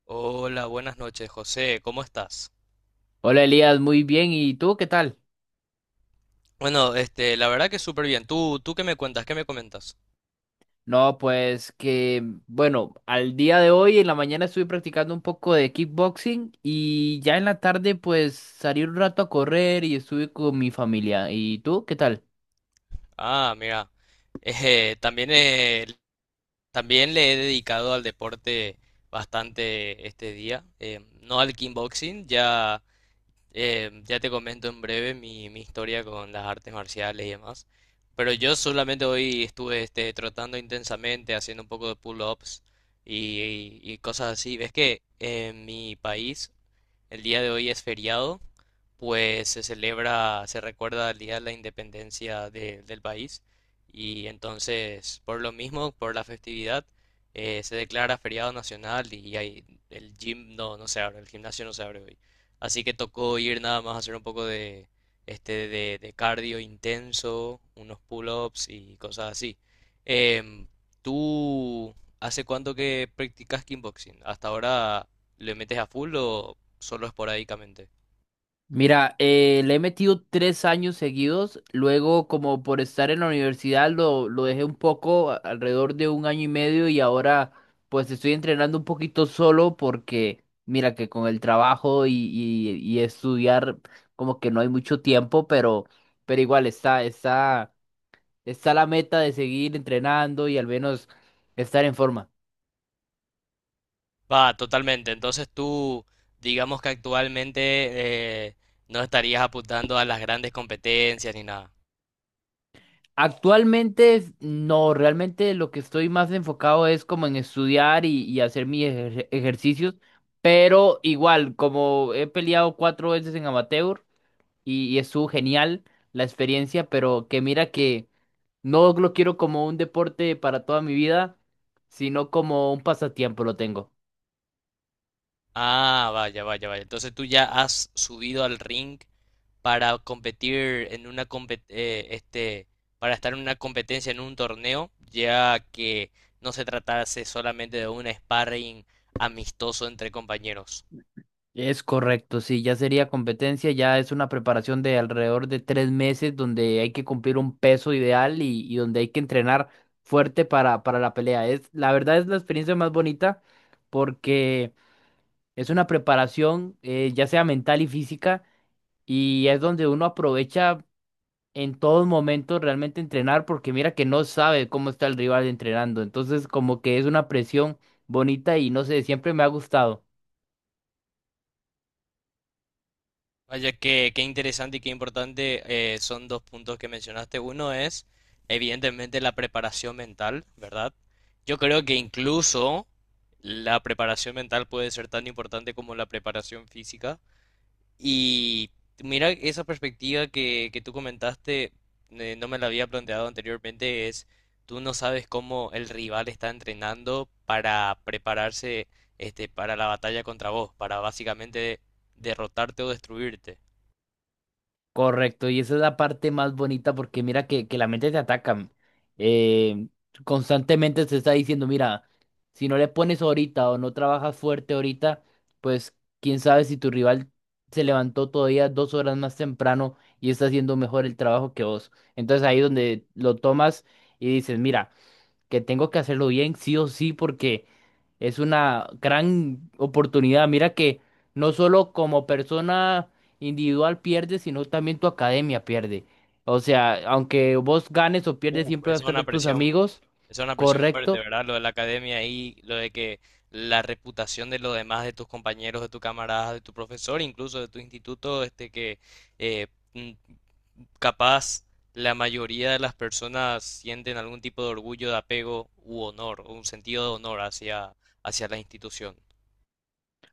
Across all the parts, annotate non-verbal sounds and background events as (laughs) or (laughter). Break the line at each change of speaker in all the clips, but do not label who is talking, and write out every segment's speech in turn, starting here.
Hola, buenas noches, José. ¿Cómo estás?
Hola Elías, muy bien. ¿Y tú qué tal?
Bueno, la verdad que súper bien. ¿Tú ¿qué me cuentas? ¿Qué me comentas?
No, pues que, bueno, al día de hoy en la mañana estuve practicando un poco de kickboxing y ya en la tarde pues salí un rato a correr y estuve con mi familia. ¿Y tú qué tal?
Ah, mira. (laughs) También, también le he dedicado al deporte bastante este día. No al kickboxing, ya. Ya te comento en breve mi historia con las artes marciales y demás. Pero yo solamente hoy estuve trotando intensamente, haciendo un poco de pull-ups y cosas así. Ves que en mi país el día de hoy es feriado, pues se celebra, se recuerda el día de la independencia del país. Y entonces, por lo mismo, por la festividad, se declara feriado nacional el gym no, no se abre, el gimnasio no se abre hoy. Así que tocó ir nada más a hacer un poco de cardio intenso, unos pull-ups y cosas así. Em, ¿Tú hace cuánto que practicas kickboxing? ¿Hasta ahora le metes a full o solo esporádicamente?
Mira, le he metido 3 años seguidos, luego como por estar en la universidad lo dejé un poco, alrededor de 1 año y medio y ahora pues estoy entrenando un poquito solo porque mira que con el trabajo y estudiar como que no hay mucho tiempo, pero igual está la meta de seguir entrenando y al menos estar en forma.
Va, totalmente. Entonces tú, digamos que actualmente eh, no estarías apuntando a las grandes competencias ni nada.
Actualmente no, realmente lo que estoy más enfocado es como en estudiar y hacer mis ejercicios, pero igual, como he peleado cuatro veces en amateur y estuvo genial la experiencia, pero que mira que no lo quiero como un deporte para toda mi vida, sino como un pasatiempo lo tengo.
Ah, vaya, vaya, vaya. Entonces tú ya has subido al ring para competir en una para estar en una competencia en un torneo, ya que no se tratase solamente de un sparring amistoso entre compañeros.
Es correcto, sí, ya sería competencia, ya es una preparación de alrededor de 3 meses donde hay que cumplir un peso ideal y donde hay que entrenar fuerte para la pelea. Es, la verdad es la experiencia más bonita porque es una preparación ya sea mental y física y es donde uno aprovecha en todos momentos realmente entrenar porque mira que no sabe cómo está el rival entrenando, entonces como que es una presión bonita y no sé, siempre me ha gustado.
Vaya que qué interesante y qué importante, son dos puntos que mencionaste. Uno es, evidentemente, la preparación mental, ¿verdad? Yo creo que incluso la preparación mental puede ser tan importante como la preparación física. Y mira, esa perspectiva que tú comentaste, no me la había planteado anteriormente, es tú no sabes cómo el rival está entrenando para prepararse, para la batalla contra vos, para básicamente derrotarte o destruirte.
Correcto, y esa es la parte más bonita porque mira que la mente te ataca. eh, Constantemente te está diciendo, mira, si no le pones ahorita o no trabajas fuerte ahorita, pues quién sabe si tu rival se levantó todavía 2 horas más temprano y está haciendo mejor el trabajo que vos. Entonces ahí donde lo tomas y dices, mira que tengo que hacerlo bien, sí o sí, porque es una gran oportunidad. Mira que no solo como persona individual pierde, sino también tu academia pierde. O sea, aunque vos ganes o pierdes,
Uf,
siempre vas
esa es
a
una
estar tus
presión.
amigos,
Esa es una presión fuerte,
correcto.
¿verdad? Lo de la academia y lo de que la reputación de los demás, de tus compañeros, de tu camaradas, de tu profesor, incluso de tu instituto, este que eh, mm, capaz la mayoría de las personas sienten algún tipo de orgullo, de apego u honor, o un sentido de honor hacia, hacia la institución.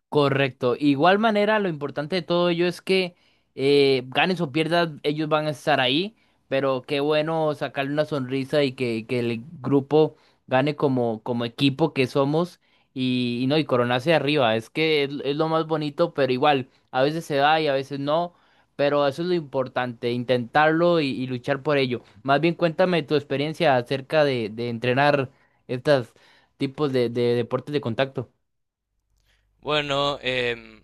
Correcto. Igual manera, lo importante de todo ello es que ganes o pierdas, ellos van a estar ahí, pero qué bueno sacarle una sonrisa y que el grupo gane como equipo que somos y no, y coronarse arriba. Es que es lo más bonito, pero igual, a veces se da y a veces no, pero eso es lo importante, intentarlo y luchar por ello. Más bien cuéntame tu experiencia acerca de entrenar estos tipos de deportes de contacto.
Bueno,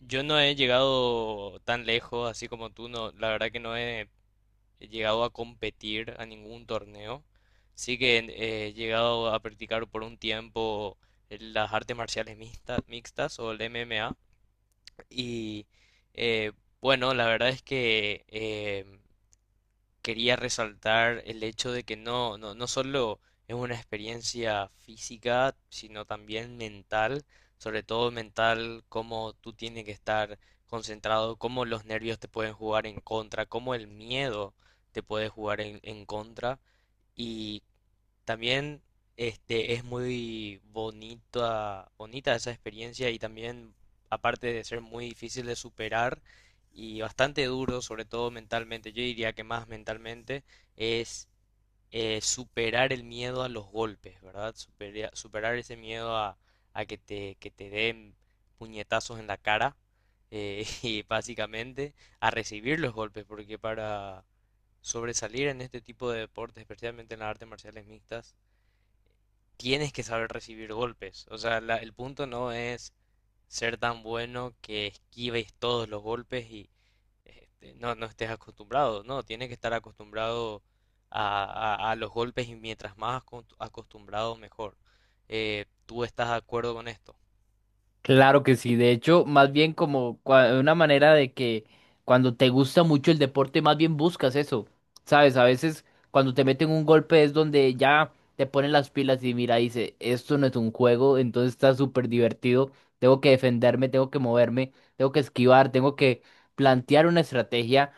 yo no he llegado tan lejos, así como tú, no, la verdad que no he he llegado a competir a ningún torneo. Sí que he llegado a practicar por un tiempo las artes marciales mixtas o el MMA. Y eh, bueno, la verdad es que quería resaltar el hecho de que no solo es una experiencia física, sino también mental, sobre todo mental, cómo tú tienes que estar concentrado, cómo los nervios te pueden jugar en contra, cómo el miedo te puede jugar en contra y también es muy bonita esa experiencia y también, aparte de ser muy difícil de superar y bastante duro, sobre todo mentalmente, yo diría que más mentalmente, es superar el miedo a los golpes, ¿verdad? Superar ese miedo a que que te den puñetazos en la cara, (laughs) y básicamente a recibir los golpes, porque para sobresalir en este tipo de deportes, especialmente en las artes marciales mixtas, tienes que saber recibir golpes. O sea, el punto no es ser tan bueno que esquives todos los golpes y no estés acostumbrado. No, tienes que estar acostumbrado a, a los golpes y mientras más acostumbrado, mejor. ¿Tú estás de acuerdo con esto?
Claro que sí, de hecho, más bien como una manera de que cuando te gusta mucho el deporte, más bien buscas eso, ¿sabes? A veces cuando te meten un golpe es donde ya te ponen las pilas y mira, dice, esto no es un juego, entonces está súper divertido, tengo que defenderme, tengo que moverme, tengo que esquivar, tengo que plantear una estrategia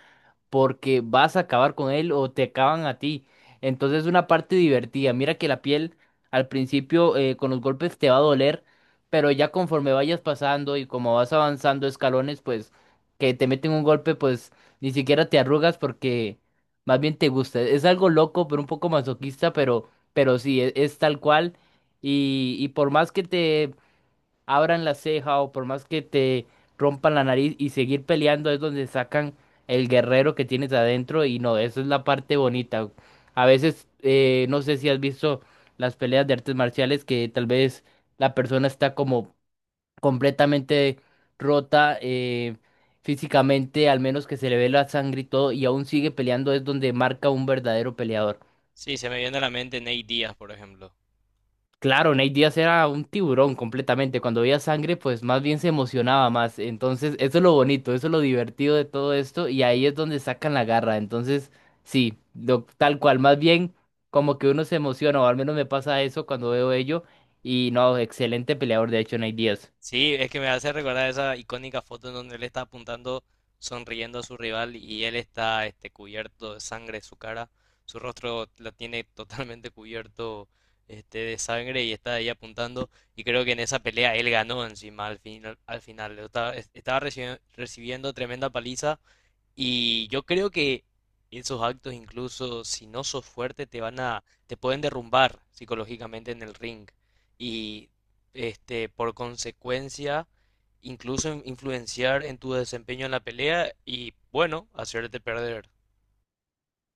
porque vas a acabar con él o te acaban a ti. Entonces es una parte divertida. Mira que la piel al principio con los golpes te va a doler, pero ya conforme vayas pasando y como vas avanzando escalones, pues que te meten un golpe, pues ni siquiera te arrugas porque más bien te gusta. Es algo loco, pero un poco masoquista, pero sí, es, tal cual. Y por más que te abran la ceja o por más que te rompan la nariz y seguir peleando es donde sacan el guerrero que tienes adentro y no, eso es la parte bonita. A veces, no sé si has visto las peleas de artes marciales que tal vez la persona está como completamente rota, físicamente, al menos que se le ve la sangre y todo, y aún sigue peleando, es donde marca un verdadero peleador.
Sí, se me viene a la mente Nate Díaz, por ejemplo.
Claro, Nate Diaz era un tiburón completamente. Cuando veía sangre, pues más bien se emocionaba más. Entonces, eso es lo bonito, eso es lo divertido de todo esto. Y ahí es donde sacan la garra. Entonces, sí, tal cual. Más bien, como que uno se emociona, o al menos me pasa eso cuando veo ello. Y no, excelente peleador, de hecho, Nate Diaz.
Sí, es que me hace recordar esa icónica foto en donde él está apuntando, sonriendo a su rival y él está cubierto de sangre, su cara, su rostro la tiene (laughs) totalmente cubierto, de sangre y está ahí apuntando. Y creo que en esa pelea él ganó encima al final, al final. Estaba recibiendo tremenda paliza y yo creo que esos actos, incluso si no sos fuerte, te van te pueden derrumbar psicológicamente en el ring. Y por consecuencia, incluso influenciar en tu desempeño en la pelea y, bueno, hacerte perder.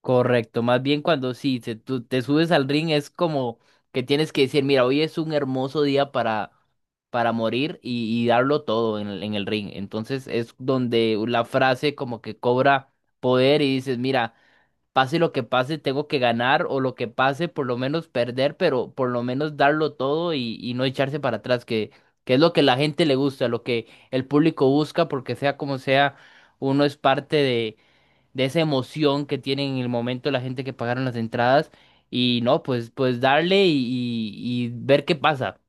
Correcto, más bien cuando sí, tú te subes al ring es como que tienes que decir, mira, hoy es un hermoso día para morir y darlo todo en el ring. Entonces es donde la frase como que cobra poder y dices, mira, pase lo que pase, tengo que ganar o lo que pase, por lo menos perder, pero por lo menos darlo todo y no echarse para atrás, que es lo que la gente le gusta, lo que el público busca, porque sea como sea, uno es parte de esa emoción que tienen en el momento la gente que pagaron las entradas y no, pues, darle y ver qué pasa.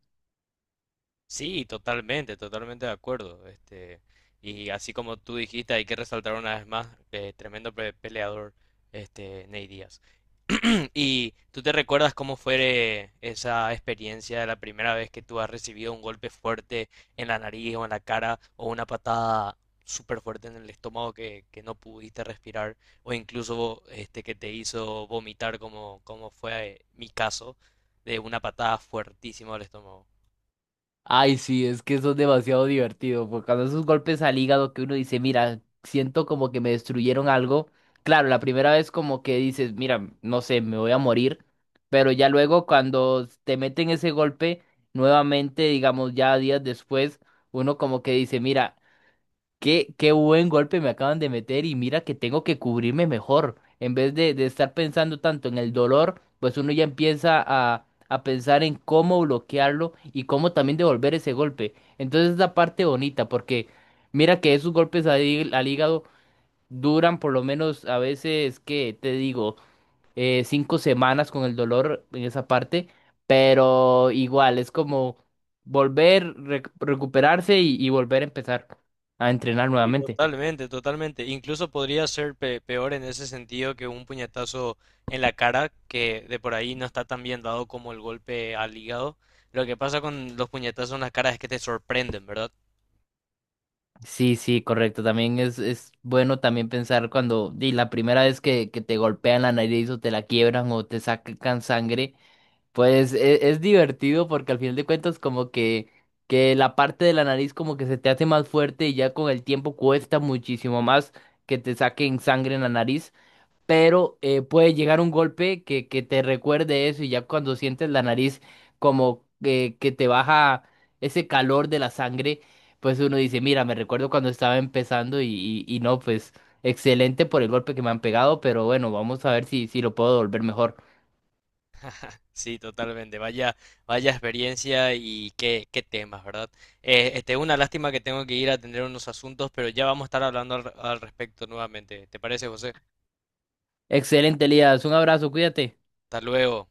Sí, totalmente, totalmente de acuerdo. Este, y así como tú dijiste, hay que resaltar una vez más, tremendo peleador, este, Ney Díaz. (clears throat) ¿Y tú te recuerdas cómo fue esa experiencia de la primera vez que tú has recibido un golpe fuerte en la nariz o en la cara o una patada súper fuerte en el estómago que no pudiste respirar o incluso que te hizo vomitar como, como fue mi caso de una patada fuertísima al estómago?
Ay, sí, es que eso es demasiado divertido, porque cuando esos golpes al hígado que uno dice, mira, siento como que me destruyeron algo. Claro, la primera vez como que dices, mira, no sé, me voy a morir, pero ya luego cuando te meten ese golpe, nuevamente, digamos, ya días después, uno como que dice, mira, qué buen golpe me acaban de meter y mira que tengo que cubrirme mejor. En vez de estar pensando tanto en el dolor, pues uno ya empieza a pensar en cómo bloquearlo y cómo también devolver ese golpe. Entonces es la parte bonita porque mira que esos golpes al hígado duran por lo menos a veces, ¿que te digo? 5 semanas con el dolor en esa parte, pero igual es como volver, recuperarse y volver a empezar a entrenar
Sí,
nuevamente.
totalmente, totalmente. Incluso podría ser peor en ese sentido que un puñetazo en la cara, que de por ahí no está tan bien dado como el golpe al hígado. Lo que pasa con los puñetazos en la cara es que te sorprenden, ¿verdad?
Sí, sí, correcto. También es bueno también pensar cuando la primera vez que te golpean la nariz o te la quiebran o te sacan sangre, pues es divertido porque al final de cuentas como que la parte de la nariz como que se te hace más fuerte y ya con el tiempo cuesta muchísimo más que te saquen sangre en la nariz. Pero puede llegar un golpe que te recuerde eso y ya cuando sientes la nariz como que te baja ese calor de la sangre, pues uno dice, mira, me recuerdo cuando estaba empezando y no, pues excelente por el golpe que me han pegado, pero bueno, vamos a ver si lo puedo volver mejor.
Sí, totalmente. Vaya, vaya experiencia y qué, qué temas, ¿verdad? Una lástima que tengo que ir a atender unos asuntos, pero ya vamos a estar hablando al respecto nuevamente. ¿Te parece, José?
Excelente, Elías, un abrazo, cuídate.
Hasta luego.